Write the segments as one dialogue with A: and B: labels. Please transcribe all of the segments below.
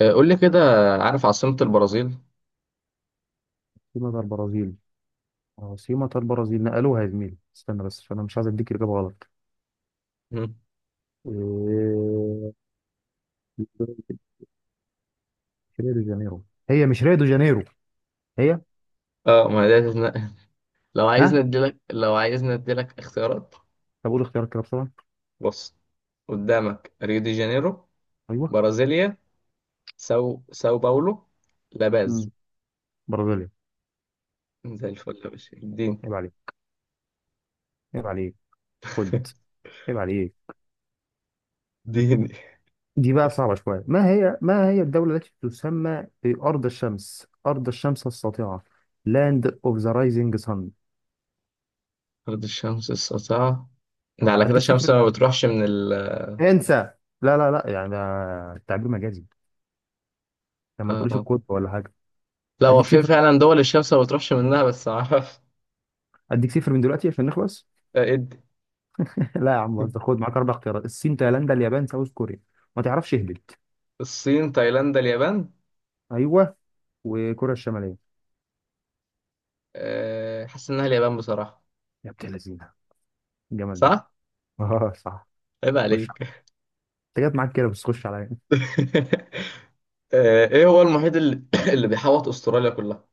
A: قول لي كده. عارف عاصمة البرازيل؟
B: عاصمة البرازيل عاصمة البرازيل. نقلوها يا زميلي، استنى بس عشان انا مش عايز اديك اجابة غلط.
A: مم.
B: إيه، ريو دي جانيرو، هي مش جانيرو، هي.
A: اه، ما ده تتنقل. لو عايزني
B: ها،
A: اديلك لو عايزني اديلك اختيارات.
B: طب قول اختيارات كده بسرعة.
A: بص، قدامك ريو دي جانيرو،
B: ايوه.
A: برازيليا، ساو باولو، لاباز.
B: مم. برازيليا.
A: زي الفل يا باشا. الدين.
B: عيب عليك، عيب عليك، خد، عيب عليك.
A: دين.
B: دي بقى صعبة شوية. ما هي الدولة التي تسمى بأرض الشمس، أرض الشمس الساطعة؟ Land of the Rising Sun.
A: أرض الشمس الساطعة؟ ده
B: اه،
A: على كده
B: اديك
A: الشمس
B: صفر،
A: ما بتروحش من
B: انسى. لا لا لا، يعني ده التعبير مجازي، لما
A: اه،
B: تقوليش
A: اه.
B: الكود ولا حاجة.
A: لا، هو
B: اديك
A: في
B: صفر،
A: فعلا دول الشمس ما بتروحش منها، بس ما اعرفش.
B: اديك صفر من دلوقتي عشان نخلص.
A: آه، ادي.
B: لا يا عم بهزر، خد معاك اربع اختيارات: الصين، تايلاندا، اليابان، ساوث كوريا. ما تعرفش اهبط.
A: الصين، تايلاند، اليابان.
B: ايوه، وكوريا الشماليه.
A: حاسس انها اليابان بصراحة.
B: يا بنت اللذينه، الجمال ده.
A: صح؟
B: اه، صح.
A: عيب
B: خش،
A: عليك.
B: انت جت معاك كده بس خش عليا انت.
A: ايه هو المحيط اللي, اللي بيحوط استراليا كلها؟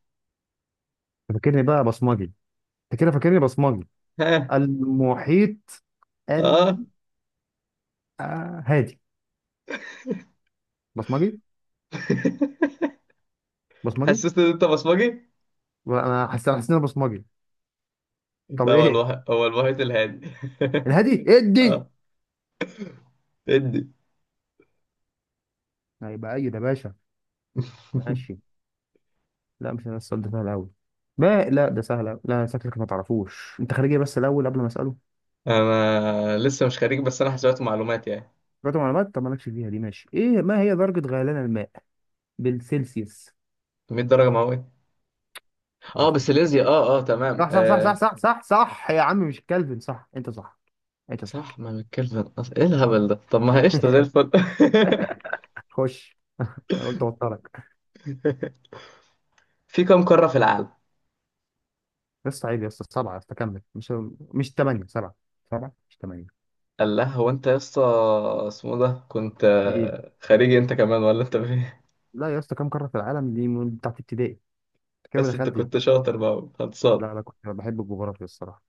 B: فاكرني بقى بصمجي، انت كده فاكرني بصمجي.
A: ها.
B: المحيط ال
A: اه.
B: هادي. بصمجي، بصمجي.
A: حسيت ان انت بصمجي.
B: انا حاسس ان انا بصمجي. طب
A: لا، هو
B: ايه،
A: هو المحيط الهادي.
B: الهادي ادي.
A: اه، ادي.
B: هيبقى ايوه يا باشا. ماشي. لا مش ده السؤال، ده سهل أوي، ما لا ده سهل أوي، لا شكلك ما تعرفوش. أنت خارجية بس الأول قبل ما أسأله.
A: انا لسه مش خريج، بس انا حسابات معلومات يعني.
B: قرأت معلومات، طب مالكش فيها دي. ماشي إيه، ما هي درجة غليان الماء بالسيلسيوس؟
A: 100 درجه مئويه. اه
B: عرفت
A: بس
B: يعني.
A: ليزيا، اه اه تمام
B: صح صح صح صح صح صح صح يا عم، مش كلفن، صح أنت، صح أنت، صح.
A: صح، ما من كلفن، ايه الهبل ده؟ طب ما هي قشطه، زي الفل.
B: خش. أنا قلت أوترك.
A: في كم قاره في العالم؟
B: بس عيب يا اسطى، سبعة يا اسطى، كمل. مش ثمانية، سبعة. سبعة مش ثمانية.
A: قال لها هو انت يا اسطى. اسمه ده كنت
B: إيه؟
A: خارجي، انت كمان ولا انت فين؟
B: لا يا اسطى، كم قارة في العالم دي من بتاعت ابتدائي. أنت كده ما
A: بس انت
B: دخلتش
A: كنت
B: بقى.
A: شاطر بقى، خلصان.
B: لا لا، كنت بحب الجغرافيا الصراحة.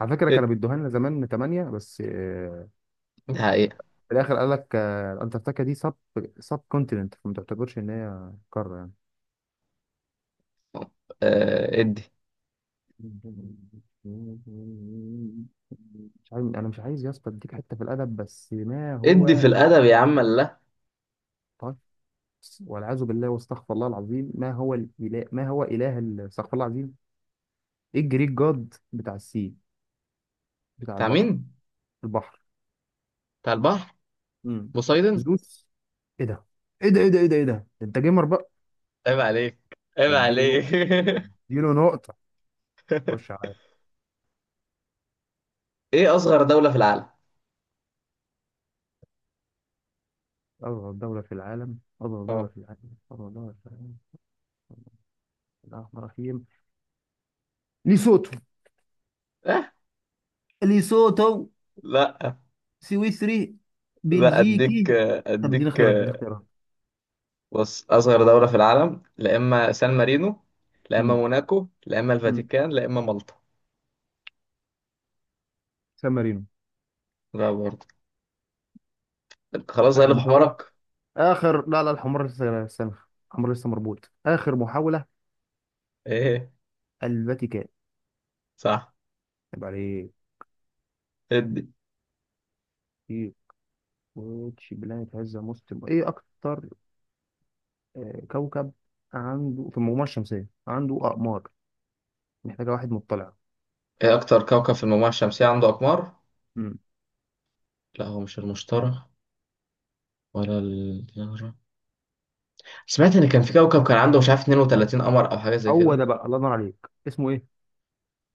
B: على فكرة كانوا
A: اد-
B: بيدوها لنا زمان ثمانية بس،
A: دي حقيقة.
B: في الاخر قال لك انتاركتيكا دي سب كونتيننت، فما تعتبرش ان هي قاره
A: آه، ادي.
B: يعني. مش عايز، انا مش عايز يا اسطى اديك حته في الادب بس ما
A: ادي في
B: هو.
A: الادب يا عم الله.
B: طيب، والعياذ بالله واستغفر الله العظيم. ما هو الاله، ما هو اله ال- استغفر الله العظيم. ايه الجريك جاد بتاع السي، بتاع
A: بتاع
B: البحر؟
A: مين؟
B: البحر.
A: بتاع البحر.
B: امم
A: بوسايدن.
B: زوس. ايه ده، ايه ده ايه ده ايه ده ايه ده، ده انت جيمر بقى.
A: عيب عليك، عيب
B: اديله نقطه،
A: عليك.
B: اديله نقطه. خش عليا.
A: ايه اصغر دولة في العالم؟
B: أصغر دولة في العالم، أصغر دولة
A: اه
B: في العالم، أصغر دولة في العالم. الأحمر فيهم. ليسوتو.
A: اه.
B: ليسوتو.
A: لا
B: سويسري.
A: لا، اديك
B: بلجيكي. طب اديني
A: اديك.
B: اختيارات، اديني اختيارات.
A: بص، اصغر دولة في العالم. لا اما سان مارينو، لا اما
B: امم
A: موناكو، لا اما
B: امم
A: الفاتيكان، لا اما مالطا.
B: سان مارينو.
A: لا برضه. خلاص،
B: آخر
A: غلب
B: محاولة،
A: حمارك.
B: آخر، لا لا، الحمار لسه، استنى، الحمار لسه مربوط. آخر محاولة.
A: ايه؟
B: الفاتيكان.
A: صح.
B: طب عليه.
A: ادي.
B: في، واتش بلانيت هاز ذا موست، إيه أكتر كوكب عنده في المجموعة الشمسية عنده أقمار؟ محتاجة واحد مطلع.
A: ايه اكتر كوكب في المجموعة الشمسية عنده اقمار؟
B: امم
A: لا، هو مش المشتري ولا الزهرة. سمعت ان كان في كوكب كان عنده، مش عارف، 32 قمر او حاجة زي
B: هو
A: كده.
B: ده بقى، الله ينور عليك، اسمه إيه؟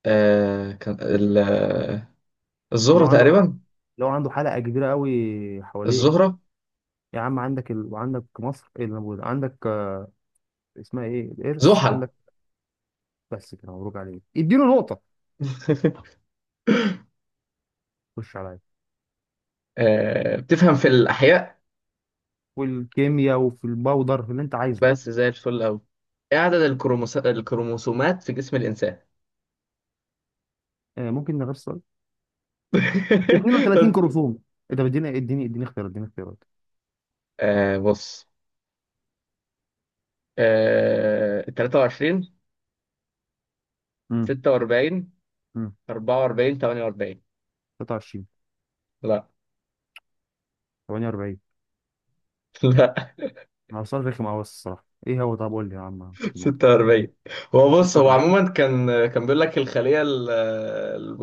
A: آه كان ال- آه،
B: لو
A: الزهرة
B: عنده ح-
A: تقريبا.
B: لو عنده حلقة كبيرة قوي حواليه.
A: الزهرة.
B: يا عم عندك ال... وعندك مصر، ايه اللي موجود عندك، اسمها ايه الارث
A: زحل.
B: عندك؟ بس كده، مبروك عليك، اديله نقطة. خش عليا.
A: آه، بتفهم في الاحياء؟
B: والكيمياء وفي الباودر، في اللي انت عايزه.
A: بس زي الفل اوي. ايه عدد الكروموسومات في جسم الانسان؟
B: آه ممكن نغير السؤال. 32 كروموسوم. ايه ده، اديني اختيارات،
A: بص. 23.
B: امم
A: 46.
B: امم
A: 44. 48.
B: 23.
A: لا.
B: 48.
A: لا.
B: هو سؤال رخم قوي بس الصراحة، ايه هو، طب قول لي يا عم، مش هاخد نقطة يا عم.
A: 46. هو بص، هو
B: 46.
A: عموما كان بيقول لك الخلية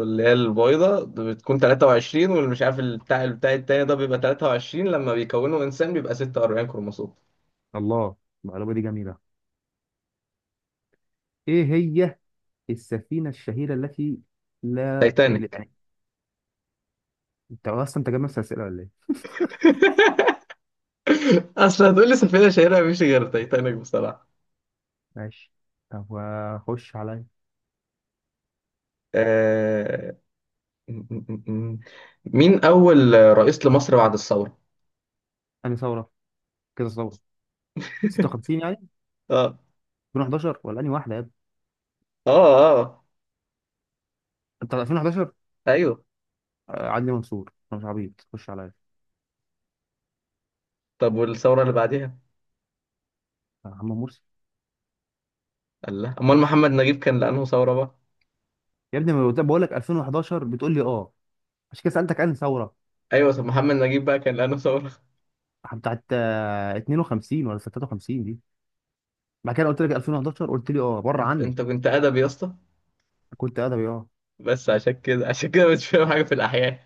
A: اللي هي البيضة بتكون 23، والمش عارف البتاع التاني ده بيبقى 23، لما بيكونوا إنسان بيبقى 46 كروموسوم.
B: الله، المعلومة دي جميلة. ايه هي السفينة الشهيرة التي، لا،
A: تايتانيك.
B: انت اصلا انت جايب نفس الاسئله ولا ايه؟
A: أصل هتقولي سفينة شهيرة مفيش غير تايتانيك بصراحة.
B: ماشي، طب وخش عليا.
A: آه... مين أول رئيس لمصر بعد الثورة؟
B: انهي ثوره؟ كده ثوره، 56 يعني،
A: اه
B: 2011 ولا انهي واحده يا ابني؟
A: اه اه.
B: انت 2011.
A: ايوه.
B: آه، عدلي منصور، انا مش عبيط. خش عليا.
A: طب والثورة اللي بعديها؟
B: آه، محمد مرسي.
A: الله، أمال محمد نجيب كان لأنه ثورة بقى.
B: يا ابني ما أنا بقول لك 2011، بتقول لي اه. عشان كده سالتك انهي ثوره،
A: ايوه، طب محمد نجيب بقى كان لانه ثوره.
B: بتاعت 52 ولا 53 دي، بعد كده قلت لك 2011 قلت لي اه، بره
A: انت
B: عني.
A: انت كنت ادبي يا اسطى.
B: كنت ادبي اه.
A: بس عشان كده عشان كده مش فاهم حاجه في الاحياء.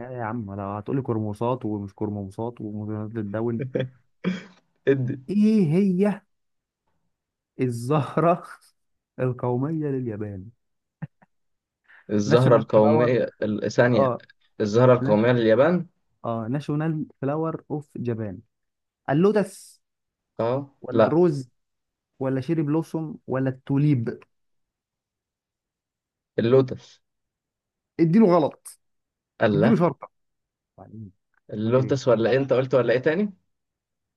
B: يا يا عم لو هتقول لي كرموسات ومش كرموسات ومثيرات للدول.
A: ادي.
B: ايه هي الزهرة القومية لليابان؟
A: الزهره
B: ناشونال فلاور.
A: القوميه ثانيه.
B: اه،
A: الزهره
B: ناش...
A: القوميه لليابان.
B: اه ناشونال فلاور اوف جابان. اللوتس
A: اه،
B: ولا
A: لا.
B: الروز ولا شيري بلوسوم ولا التوليب؟
A: اللوتس.
B: اديله غلط،
A: الله.
B: اديله شرطة. وبعدين انت فاكر ايه؟
A: اللوتس ولا إيه؟ انت قلت ولا ايه تاني؟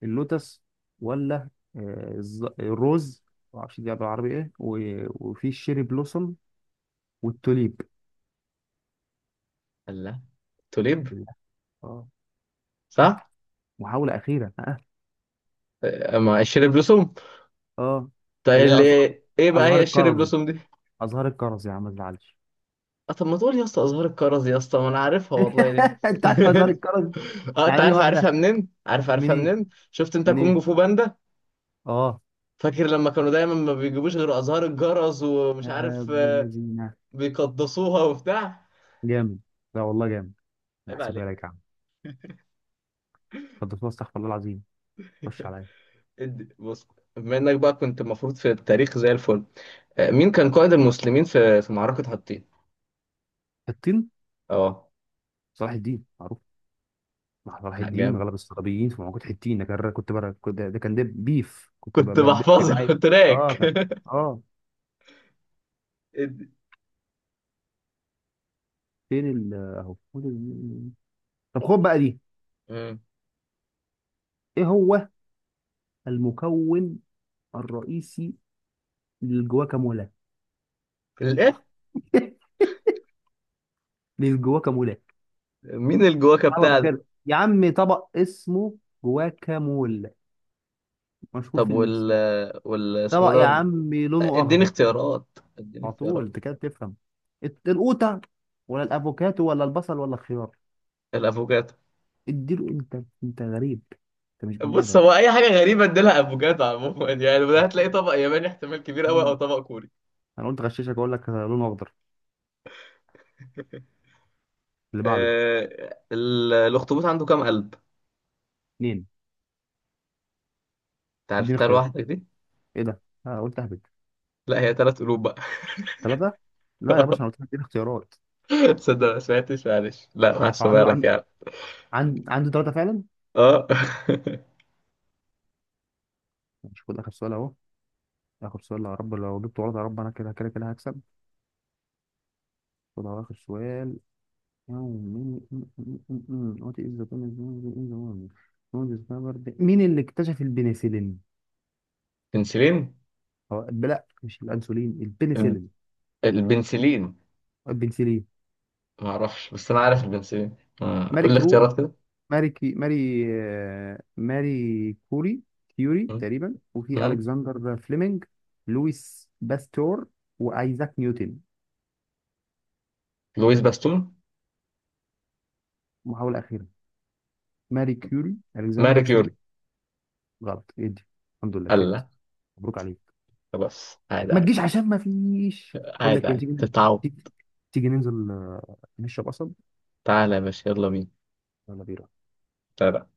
B: اللوتس ولا الروز، معرفش دي بالعربي ايه، و... وفي الشيري بلوسوم والتوليب.
A: الله. توليب.
B: لا. اه. ها،
A: صح.
B: محاولة أخيرة. ها،
A: ما الشيري بلوسوم.
B: اه،
A: طيب
B: اللي
A: اللي.
B: هي أز-
A: ايه بقى
B: أزهار
A: هي الشيري
B: الكرز،
A: بلوسوم دي؟
B: أزهار الكرز يا عم ما تزعلش.
A: اه، طب ما تقول يا اسطى ازهار الكرز يا اسطى، ما انا عارفها والله دي.
B: انت عارف هزار الكرز،
A: اه، انت
B: يعني انا
A: عارف عارفها
B: واحده
A: منين عارف
B: من
A: عارفها
B: ايه،
A: منين؟ شفت انت
B: من
A: كونج
B: ايه،
A: فو باندا؟
B: اه.
A: فاكر لما كانوا دايما ما بيجيبوش غير ازهار الجرس ومش
B: يا
A: عارف
B: ابن اللذينه،
A: بيقدسوها وبتاع.
B: جامد، لا والله جامد، انا
A: عيب
B: هحسبها
A: عليك.
B: لك يا عم. قدس، استغفر الله العظيم. خش عليا.
A: ادي. بص، بما انك بقى كنت المفروض في التاريخ زي الفل، مين كان قائد المسلمين في معركة حطين؟
B: الطين.
A: اه.
B: صلاح الدين معروف. مع صلاح
A: لا،
B: الدين،
A: جامد.
B: غلب الصليبيين في معركه حطين. ده كان، ده كان، ده بيف، كنت بقى،
A: كنت
B: في بقى
A: بحفظها.
B: إيه؟ اه
A: تراك.
B: كان، اه.
A: ادي.
B: فين ال، طب خد بقى دي.
A: مم.
B: ايه هو المكون الرئيسي للجواكامولا؟
A: الايه؟
B: للجواكامولا.
A: مين الجواكة
B: سلطه
A: بتاع ده؟
B: كده يا عم، طبق اسمه جواكامول، مشهور
A: طب
B: في
A: وال
B: المكسيك.
A: آه، وال اسمه
B: طبق يا
A: ده.
B: عم لونه
A: اديني
B: اخضر.
A: اختيارات، اديني
B: على طول،
A: اختيارات.
B: انت كده بتفهم. القوطه ولا الافوكاتو ولا البصل ولا الخيار؟
A: الافوكاتو.
B: اديله، انت انت غريب، انت مش بني
A: بص،
B: ادم.
A: هو اي حاجه غريبه اديلها افوكادو عموما. يعني وده هتلاقي طبق ياباني احتمال كبير قوي او
B: مم.
A: طبق كوري.
B: انا قلت غششك اقول لك لونه اخضر. اللي بعده.
A: الاخطبوط عنده كام قلب؟
B: اتنين.
A: انت
B: اديني
A: عرفتها
B: اختيارات،
A: لوحدك دي.
B: ايه ده، انا قلت اهبد.
A: لا، هي ثلاث قلوب بقى.
B: ثلاثه. لا يا باشا، انا قلت لك اديني اختيارات.
A: تصدق ما سمعتش، معلش، لا
B: هو
A: محسوبه
B: عنده،
A: لك يعني.
B: عنده ثلاثه فعلا.
A: اه.
B: مش، خد اخر سؤال اهو. اخر سؤال، يا رب لو جبته غلط، يا رب، انا كده كده كده هكسب. خد على آخر سؤال. What is the penicillin? مين اللي اكتشف البنسلين؟
A: بنسلين.
B: هو لا، مش الأنسولين،
A: الب-
B: البنسلين.
A: البنسلين.
B: البنسلين.
A: ما اعرفش، بس انا عارف البنسلين. آه،
B: ماري
A: قول لي
B: كرو
A: اختيارات كده.
B: ماري كي ماري آه، ماري كوري، كيوري
A: م-
B: تقريبا، وفي
A: م-
B: ألكسندر فليمنج، لويس باستور، وأيزاك نيوتن.
A: لويس باستون.
B: محاولة أخيرة. ماري كيوري،
A: ماري
B: ألكسندر
A: كيوري.
B: فليمنج. غلط، ادي. الحمد لله كسبت،
A: الله.
B: مبروك عليك.
A: خلاص، عادي
B: ما
A: عادي.
B: تجيش عشان ما فيش، بقول
A: عادي
B: لك ايه،
A: عادي
B: تيجي،
A: تتعود.
B: تيجي، تيجي ننزل نشرب قصب
A: تعالى يا باشا، يلا
B: ولا بير.
A: بينا.